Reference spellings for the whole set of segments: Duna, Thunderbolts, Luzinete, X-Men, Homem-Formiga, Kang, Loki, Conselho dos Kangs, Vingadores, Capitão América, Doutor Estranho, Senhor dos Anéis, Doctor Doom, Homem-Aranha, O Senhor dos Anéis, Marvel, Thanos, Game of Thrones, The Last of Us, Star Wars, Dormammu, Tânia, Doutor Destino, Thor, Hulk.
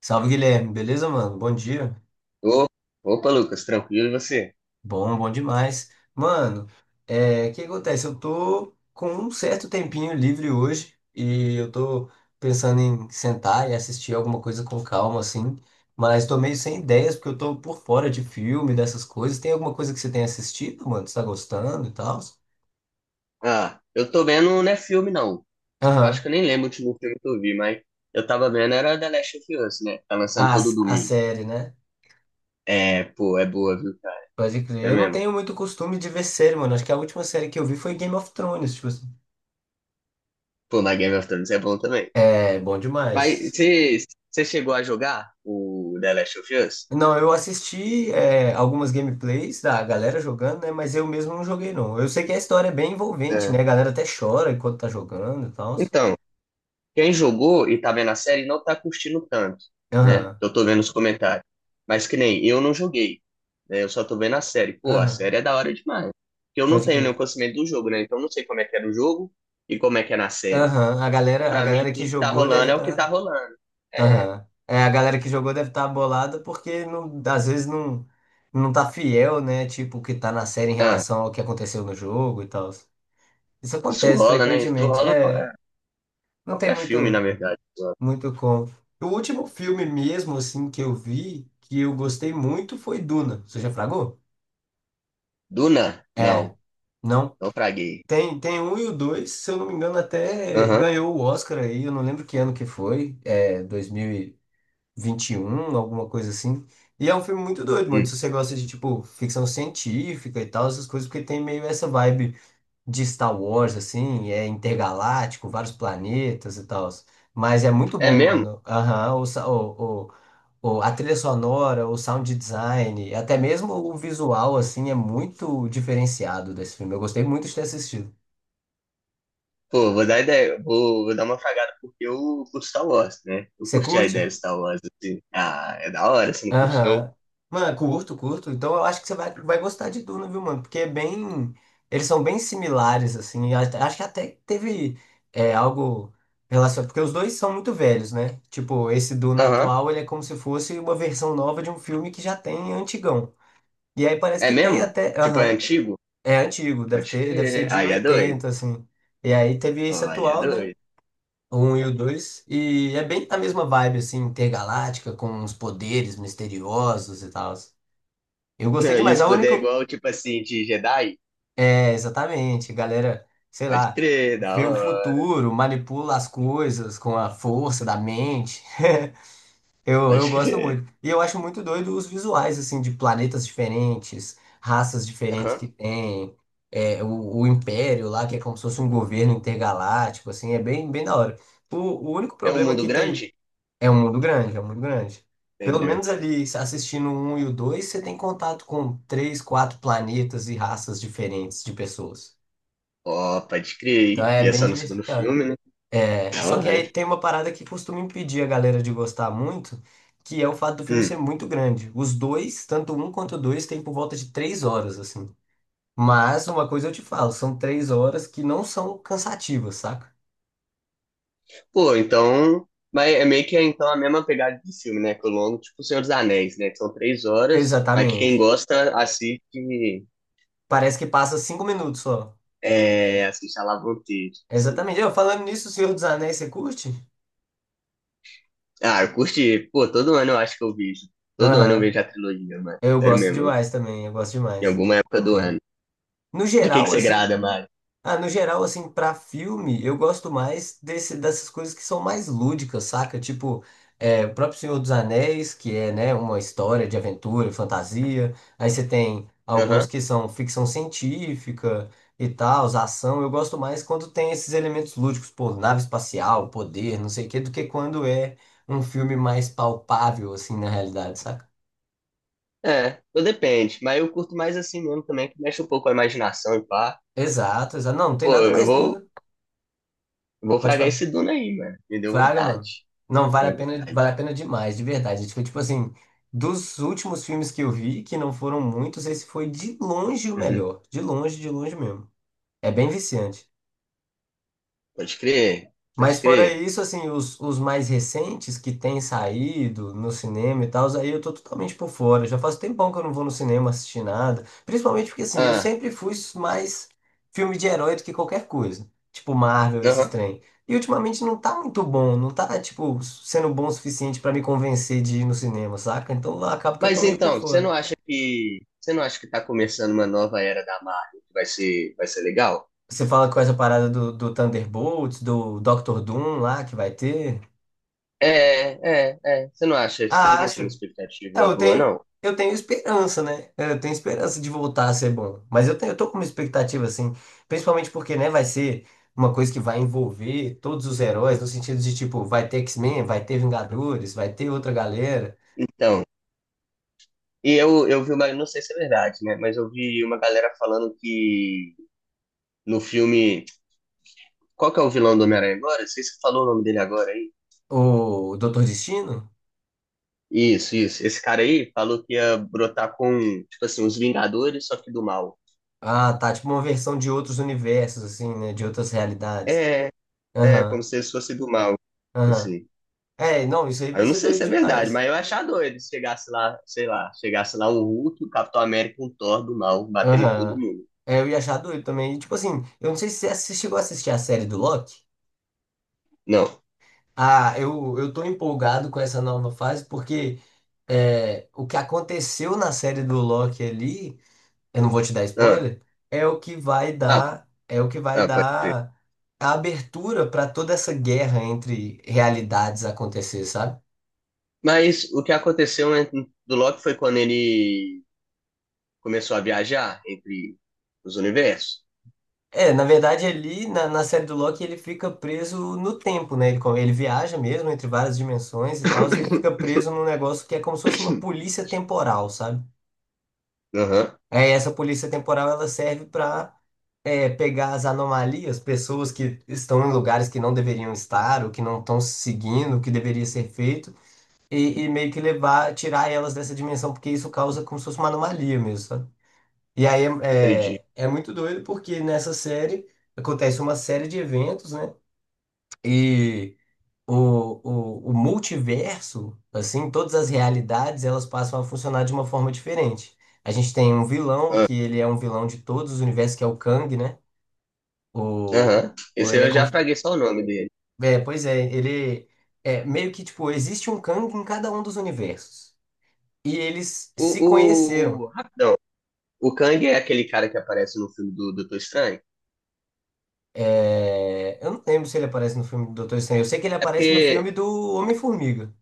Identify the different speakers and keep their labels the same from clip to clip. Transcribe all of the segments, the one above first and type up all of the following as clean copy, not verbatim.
Speaker 1: Salve, Guilherme, beleza, mano? Bom dia.
Speaker 2: Ô, opa, Lucas, tranquilo e você?
Speaker 1: Bom, bom demais. Mano, o que acontece? Eu tô com um certo tempinho livre hoje e eu tô pensando em sentar e assistir alguma coisa com calma, assim, mas tô meio sem ideias porque eu tô por fora de filme, dessas coisas. Tem alguma coisa que você tem assistido, mano? Você tá gostando e tal?
Speaker 2: Ah, eu tô vendo, não é filme não. Eu acho que
Speaker 1: Aham.
Speaker 2: eu nem lembro o último filme que eu vi, mas eu tava vendo era The Last of Us, né? Tá lançando
Speaker 1: A,
Speaker 2: todo
Speaker 1: a
Speaker 2: domingo.
Speaker 1: série, né?
Speaker 2: É, pô, é boa, viu, cara?
Speaker 1: Pode crer.
Speaker 2: É
Speaker 1: Eu não
Speaker 2: mesmo.
Speaker 1: tenho muito costume de ver série, mano. Acho que a última série que eu vi foi Game of Thrones, tipo assim.
Speaker 2: Pô, mas Game of Thrones é bom também.
Speaker 1: É, bom
Speaker 2: Mas
Speaker 1: demais.
Speaker 2: você chegou a jogar o The Last of Us?
Speaker 1: Não, eu assisti algumas gameplays da galera jogando, né? Mas eu mesmo não joguei, não. Eu sei que a história é bem envolvente,
Speaker 2: É.
Speaker 1: né? A galera até chora enquanto tá jogando e tal.
Speaker 2: Então, quem jogou e tá vendo a série não tá curtindo tanto, né?
Speaker 1: Aham,
Speaker 2: Eu tô vendo os comentários. Mas que nem eu não joguei, né? Eu só tô vendo a série. Pô, a
Speaker 1: aham,
Speaker 2: série é da hora demais. Porque eu não
Speaker 1: pode
Speaker 2: tenho nenhum
Speaker 1: crer.
Speaker 2: conhecimento do jogo, né? Então eu não sei como é que é no jogo e como é que é na série.
Speaker 1: Aham, a
Speaker 2: Então,
Speaker 1: galera, a
Speaker 2: pra mim,
Speaker 1: galera que
Speaker 2: tudo que tá
Speaker 1: jogou deve
Speaker 2: rolando é o que tá
Speaker 1: estar.
Speaker 2: rolando. É.
Speaker 1: Aham. É, a galera que jogou deve estar bolada porque às vezes não tá fiel, né? Tipo, o que tá na série em
Speaker 2: Ah,
Speaker 1: relação ao que aconteceu no jogo e tal. Isso
Speaker 2: isso
Speaker 1: acontece
Speaker 2: rola, né? Isso
Speaker 1: frequentemente.
Speaker 2: rola em
Speaker 1: É, não tem
Speaker 2: qualquer filme, na
Speaker 1: muito.
Speaker 2: verdade.
Speaker 1: Muito com. O último filme mesmo, assim, que eu vi, que eu gostei muito, foi Duna. Você já fragou?
Speaker 2: Duna? Não.
Speaker 1: É.
Speaker 2: Não,
Speaker 1: Não.
Speaker 2: então, fraguei.
Speaker 1: Tem um e o dois, se eu não me engano, até
Speaker 2: Aham.
Speaker 1: ganhou o Oscar aí, eu não lembro que ano que foi, é dois mil e vinte e um, alguma coisa assim. E é um filme muito doido, mano.
Speaker 2: Hum.
Speaker 1: Se você gosta de, tipo, ficção científica e tal, essas coisas, porque tem meio essa vibe de Star Wars, assim, é intergaláctico, vários planetas e tal. Mas é muito
Speaker 2: É
Speaker 1: bom,
Speaker 2: mesmo?
Speaker 1: mano. Aham, o, a trilha sonora, o sound design, até mesmo o visual, assim, é muito diferenciado desse filme. Eu gostei muito de ter assistido.
Speaker 2: Pô, vou dar ideia, vou dar uma fragada porque eu curto Star Wars, né? Eu
Speaker 1: Você
Speaker 2: curti a ideia
Speaker 1: curte?
Speaker 2: de Star Wars, assim. Ah, é da hora, você não curte, não?
Speaker 1: Aham. Mano, curto, curto. Então eu acho que você vai gostar de Duna, viu, mano? Porque é bem. Eles são bem similares, assim. A- Acho que até teve algo relacionado. Porque os dois são muito velhos, né? Tipo, esse Duna
Speaker 2: Aham.
Speaker 1: atual, ele é como se fosse uma versão nova de um filme que já tem antigão. E aí parece
Speaker 2: É
Speaker 1: que tem
Speaker 2: mesmo?
Speaker 1: até.
Speaker 2: Tipo, é
Speaker 1: Aham.
Speaker 2: antigo?
Speaker 1: É antigo, deve
Speaker 2: Pode
Speaker 1: ter, deve ser
Speaker 2: crer.
Speaker 1: de
Speaker 2: Aí é doido.
Speaker 1: 80, assim. E aí teve
Speaker 2: Ó,
Speaker 1: esse
Speaker 2: aí é
Speaker 1: atual, né?
Speaker 2: doido.
Speaker 1: O 1 e o dois. E é bem a mesma vibe, assim, intergaláctica, com os poderes misteriosos e tal. Eu gostei
Speaker 2: Não, e
Speaker 1: demais.
Speaker 2: os
Speaker 1: É o
Speaker 2: poderes é
Speaker 1: único.
Speaker 2: igual, tipo assim, de Jedi?
Speaker 1: É, exatamente. Galera, sei
Speaker 2: Pode
Speaker 1: lá,
Speaker 2: crer, da
Speaker 1: vê o
Speaker 2: hora.
Speaker 1: futuro, manipula as coisas com a força da mente. Eu,
Speaker 2: Pode
Speaker 1: eu gosto
Speaker 2: crer.
Speaker 1: muito. E eu acho muito doido os visuais, assim, de planetas diferentes, raças diferentes que
Speaker 2: Aham.
Speaker 1: tem, o Império lá, que é como se fosse um governo intergaláctico, assim, é bem, bem da hora. O único
Speaker 2: É um
Speaker 1: problema
Speaker 2: mundo
Speaker 1: que tem
Speaker 2: grande?
Speaker 1: é um mundo grande, é um mundo grande. Pelo
Speaker 2: Entendeu?
Speaker 1: menos ali, assistindo o um e o dois, você tem contato com três, quatro planetas e raças diferentes de pessoas.
Speaker 2: Ó, pode
Speaker 1: Então
Speaker 2: crer.
Speaker 1: é
Speaker 2: E é
Speaker 1: bem
Speaker 2: só no segundo
Speaker 1: diversificado.
Speaker 2: filme, né?
Speaker 1: É.
Speaker 2: Da
Speaker 1: Só que
Speaker 2: hora.
Speaker 1: aí tem uma parada que costuma impedir a galera de gostar muito, que é o fato do filme ser
Speaker 2: Hum.
Speaker 1: muito grande. Os dois, tanto um quanto o dois, tem por volta de três horas, assim. Mas uma coisa eu te falo, são três horas que não são cansativas, saca?
Speaker 2: Pô, então. Mas é meio que é, então a mesma pegada de filme, né? Que o longo, tipo O Senhor dos Anéis, né? Que são 3 horas, mas que quem
Speaker 1: Exatamente.
Speaker 2: gosta assiste.
Speaker 1: Parece que passa cinco minutos só.
Speaker 2: É, assiste a Lavanteiro, assim.
Speaker 1: Exatamente. Eu, falando nisso, O Senhor dos Anéis, você curte?
Speaker 2: Ah, eu curti. Pô, todo ano eu acho que eu vejo. Todo ano eu
Speaker 1: Aham.
Speaker 2: vejo a trilogia, mano.
Speaker 1: Eu
Speaker 2: Sério
Speaker 1: gosto
Speaker 2: mesmo.
Speaker 1: demais também, eu gosto
Speaker 2: Em
Speaker 1: demais.
Speaker 2: alguma época do ano.
Speaker 1: No
Speaker 2: De que
Speaker 1: geral,
Speaker 2: você
Speaker 1: assim.
Speaker 2: grada, Mário?
Speaker 1: Ah, no geral, assim, pra filme, eu gosto mais desse, dessas coisas que são mais lúdicas, saca? Tipo, o próprio Senhor dos Anéis, que é, né, uma história de aventura e fantasia. Aí você tem alguns
Speaker 2: Aham.
Speaker 1: que são ficção científica e tal, ação. Eu gosto mais quando tem esses elementos lúdicos, pô, nave espacial, poder, não sei o quê, do que quando é um filme mais palpável, assim, na realidade, saca?
Speaker 2: É, tudo depende. Mas eu curto mais assim mesmo também, que mexe um pouco com a imaginação e pá.
Speaker 1: Exato, exato. Não, não tem
Speaker 2: Pô,
Speaker 1: nada mais doido.
Speaker 2: eu vou
Speaker 1: Pode
Speaker 2: fragar
Speaker 1: falar.
Speaker 2: esse Duna aí, mano. Me deu
Speaker 1: Fraga, mano.
Speaker 2: vontade.
Speaker 1: Não,
Speaker 2: Deu vontade.
Speaker 1: vale a pena demais, de verdade. Acho que, tipo assim, dos últimos filmes que eu vi, que não foram muitos, esse foi de longe o
Speaker 2: Uhum.
Speaker 1: melhor. De longe mesmo. É bem viciante.
Speaker 2: Pode crer, pode
Speaker 1: Mas fora
Speaker 2: crer.
Speaker 1: isso, assim, os mais recentes que têm saído no cinema e tal, aí eu tô totalmente por fora. Já faz tempão que eu não vou no cinema assistir nada. Principalmente porque, assim, eu
Speaker 2: Ah,
Speaker 1: sempre fui mais filme de herói do que qualquer coisa. Tipo Marvel, esses
Speaker 2: aham.
Speaker 1: trem. E ultimamente não tá muito bom, não tá, tipo, sendo bom o suficiente pra me convencer de ir no cinema, saca? Então acaba que eu tô
Speaker 2: Mas
Speaker 1: meio por
Speaker 2: então, você não
Speaker 1: fora.
Speaker 2: acha que você não acha que tá começando uma nova era da Marvel que vai ser legal?
Speaker 1: Você fala com essa parada do Thunderbolts, do Doctor Doom lá que vai ter.
Speaker 2: É, é, é. Você não acha? Você não
Speaker 1: Ah,
Speaker 2: tem uma
Speaker 1: acho.
Speaker 2: expectativa
Speaker 1: Não,
Speaker 2: boa, não?
Speaker 1: eu tenho esperança, né? Eu tenho esperança de voltar a ser bom. Mas eu tenho, eu tô com uma expectativa, assim, principalmente porque, né, vai ser uma coisa que vai envolver todos os heróis, no sentido de, tipo, vai ter X-Men, vai ter Vingadores, vai ter outra galera.
Speaker 2: Então, e eu vi uma, não sei se é verdade, né? Mas eu vi uma galera falando que no filme, qual que é o vilão do Homem-Aranha agora? Não sei se você falou o nome dele agora aí.
Speaker 1: O Doutor Destino?
Speaker 2: Isso, isso. Esse cara aí falou que ia brotar com, tipo assim, os Vingadores, só que do mal.
Speaker 1: Ah, tá, tipo uma versão de outros universos, assim, né? De outras realidades.
Speaker 2: É, é, como
Speaker 1: Aham,
Speaker 2: se eles fossem do mal,
Speaker 1: aham.
Speaker 2: assim.
Speaker 1: É, não, isso aí
Speaker 2: Aí
Speaker 1: vai
Speaker 2: eu não
Speaker 1: ser
Speaker 2: sei
Speaker 1: doido
Speaker 2: se é verdade,
Speaker 1: demais.
Speaker 2: mas eu ia achar doido se chegasse lá, sei lá, chegasse lá um Hulk, o Capitão América, um Thor do mal, batendo em todo
Speaker 1: Aham.
Speaker 2: mundo.
Speaker 1: É, eu ia achar doido também. E, tipo assim, eu não sei se você assi- chegou a assistir a série do Loki.
Speaker 2: Não.
Speaker 1: Ah, eu tô empolgado com essa nova fase porque o que aconteceu na série do Loki ali, eu não vou te dar
Speaker 2: Ah,
Speaker 1: spoiler, é o que vai
Speaker 2: ah,
Speaker 1: dar, é o que vai
Speaker 2: ah, pode crer.
Speaker 1: dar a abertura para toda essa guerra entre realidades acontecer, sabe?
Speaker 2: Mas o que aconteceu, né, do Loki foi quando ele começou a viajar entre os universos.
Speaker 1: É, na verdade ali na, na série do Loki ele fica preso no tempo, né? Ele, co- ele viaja mesmo entre várias dimensões e tal, e ele fica preso num negócio que é como se fosse uma polícia temporal, sabe?
Speaker 2: Aham,
Speaker 1: É, essa polícia temporal ela serve para pegar as anomalias, pessoas que estão em lugares que não deveriam estar, ou que não estão seguindo o que deveria ser feito, e meio que levar, tirar elas dessa dimensão, porque isso causa como se fosse uma anomalia mesmo, sabe? E aí
Speaker 2: entendi.
Speaker 1: é muito doido, porque nessa série acontece uma série de eventos, né? E o, o multiverso, assim, todas as realidades, elas passam a funcionar de uma forma diferente. A gente tem um vilão,
Speaker 2: Ah,
Speaker 1: que ele é um vilão de todos os universos, que é o Kang, né? O,
Speaker 2: aham.
Speaker 1: o-
Speaker 2: Esse
Speaker 1: ele é,
Speaker 2: eu já
Speaker 1: como-
Speaker 2: fraguei só o nome dele.
Speaker 1: é, pois é, ele é meio que tipo, existe um Kang em cada um dos universos. E eles se
Speaker 2: O...
Speaker 1: conheceram.
Speaker 2: Rapidão. O Kang é aquele cara que aparece no filme do Doutor Estranho.
Speaker 1: É, eu não lembro se ele aparece no filme do Doutor Estranho. Eu sei que ele
Speaker 2: É
Speaker 1: aparece no
Speaker 2: porque
Speaker 1: filme do Homem-Formiga.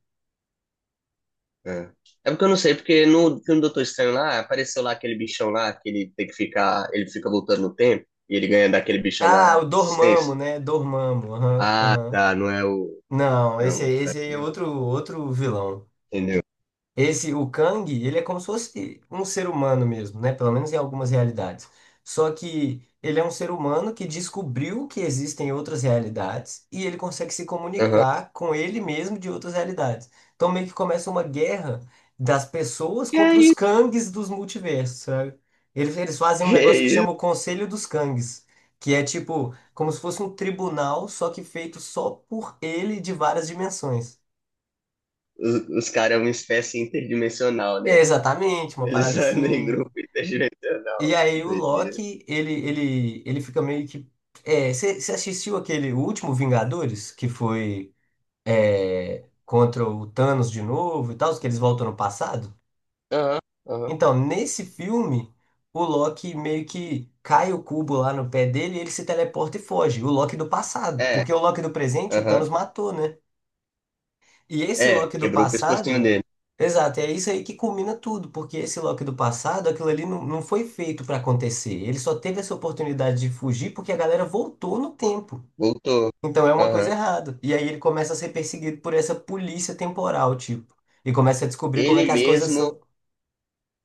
Speaker 2: É. É porque eu não sei, porque no filme do Doutor Estranho lá, apareceu lá aquele bichão lá, que ele tem que ficar, ele fica voltando no tempo, e ele ganha daquele bichão
Speaker 1: Ah, o
Speaker 2: na existência.
Speaker 1: Dormammu, né? Dormammu. Aham,
Speaker 2: Ah,
Speaker 1: aham.
Speaker 2: tá, não é o,
Speaker 1: Não,
Speaker 2: não é o cara,
Speaker 1: esse aí é
Speaker 2: né?
Speaker 1: outro, outro vilão.
Speaker 2: Entendeu?
Speaker 1: Esse, o Kang, ele é como se fosse um ser humano mesmo, né? Pelo menos em algumas realidades. Só que ele é um ser humano que descobriu que existem outras realidades e ele consegue se
Speaker 2: Aham.
Speaker 1: comunicar com ele mesmo de outras realidades. Então meio que começa uma guerra das pessoas
Speaker 2: Que é
Speaker 1: contra os
Speaker 2: isso?
Speaker 1: Kangs dos multiversos, sabe? Eles fazem um
Speaker 2: Que é
Speaker 1: negócio que
Speaker 2: isso?
Speaker 1: chama o Conselho dos Kangs, que é tipo como se fosse um tribunal, só que feito só por ele de várias dimensões.
Speaker 2: Os caras é uma espécie interdimensional,
Speaker 1: É,
Speaker 2: né?
Speaker 1: exatamente, uma
Speaker 2: Eles
Speaker 1: parada
Speaker 2: andam em
Speaker 1: assim.
Speaker 2: grupo
Speaker 1: E
Speaker 2: interdimensional. Que
Speaker 1: aí o
Speaker 2: doideira.
Speaker 1: Loki, ele fica meio que. É, você assistiu aquele o último Vingadores, que foi contra o Thanos de novo e tal, que eles voltam no passado?
Speaker 2: Aham, aham.
Speaker 1: Então, nesse filme, o Loki meio que cai o cubo lá no pé dele e ele se teleporta e foge. O Loki do passado,
Speaker 2: É,
Speaker 1: porque o Loki do presente o
Speaker 2: aham.
Speaker 1: Thanos matou, né? E esse
Speaker 2: É,
Speaker 1: Loki do
Speaker 2: quebrou o pescocinho
Speaker 1: passado,
Speaker 2: dele.
Speaker 1: exato, é isso aí que culmina tudo, porque esse Loki do passado, aquilo ali não foi feito pra acontecer. Ele só teve essa oportunidade de fugir porque a galera voltou no tempo.
Speaker 2: Voltou.
Speaker 1: Então é uma coisa
Speaker 2: Aham.
Speaker 1: errada. E aí ele começa a ser perseguido por essa polícia temporal, tipo, e começa a descobrir como é
Speaker 2: Ele
Speaker 1: que as coisas
Speaker 2: mesmo,
Speaker 1: são.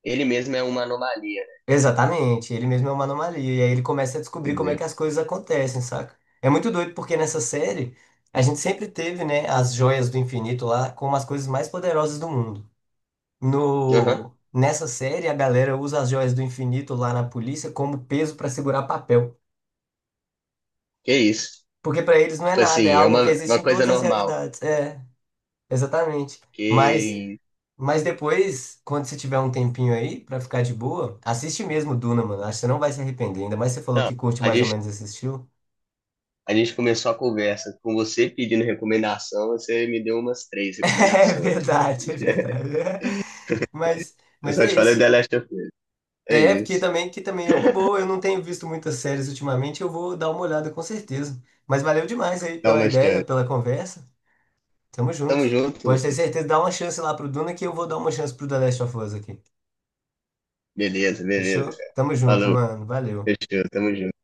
Speaker 2: ele mesmo é uma anomalia, né?
Speaker 1: Exatamente, ele mesmo é uma anomalia. E aí ele começa a descobrir como é
Speaker 2: Entendeu?
Speaker 1: que as coisas acontecem, saca? É muito doido porque nessa série a gente sempre teve, né, as joias do infinito lá como as coisas mais poderosas do mundo.
Speaker 2: Aham,
Speaker 1: No, nessa série, a galera usa as joias do infinito lá na polícia como peso para segurar papel.
Speaker 2: que isso.
Speaker 1: Porque para eles não é
Speaker 2: Tipo
Speaker 1: nada, é
Speaker 2: assim, é
Speaker 1: algo que existe
Speaker 2: uma
Speaker 1: em
Speaker 2: coisa
Speaker 1: todas as
Speaker 2: normal.
Speaker 1: realidades. É, exatamente. Mas,
Speaker 2: Que...
Speaker 1: mas depois, quando você tiver um tempinho aí para ficar de boa, assiste mesmo Duna, mano. Acho que você não vai se arrepender. Ainda mais você falou
Speaker 2: Não,
Speaker 1: que curte
Speaker 2: a
Speaker 1: mais ou
Speaker 2: gente,
Speaker 1: menos esse estilo.
Speaker 2: a gente começou a conversa com você pedindo recomendação, você me deu umas três
Speaker 1: É
Speaker 2: recomendações aqui.
Speaker 1: verdade, é verdade. Mas,
Speaker 2: Eu
Speaker 1: mas
Speaker 2: só
Speaker 1: é
Speaker 2: te falei
Speaker 1: isso.
Speaker 2: The Last of Us. É
Speaker 1: É, porque
Speaker 2: isso.
Speaker 1: também, que também é uma boa. Eu não tenho visto muitas séries ultimamente, eu vou dar uma olhada com certeza. Mas valeu demais aí
Speaker 2: Dá
Speaker 1: pela
Speaker 2: uma
Speaker 1: ideia,
Speaker 2: chance.
Speaker 1: pela conversa. Tamo junto.
Speaker 2: Tamo junto,
Speaker 1: Pode ter
Speaker 2: Lucas.
Speaker 1: certeza, dá uma chance lá pro Duna que eu vou dar uma chance pro The Last of Us aqui.
Speaker 2: Beleza, beleza,
Speaker 1: Fechou?
Speaker 2: cara.
Speaker 1: Tamo junto,
Speaker 2: Falou,
Speaker 1: mano. Valeu.
Speaker 2: fechou, tamo junto.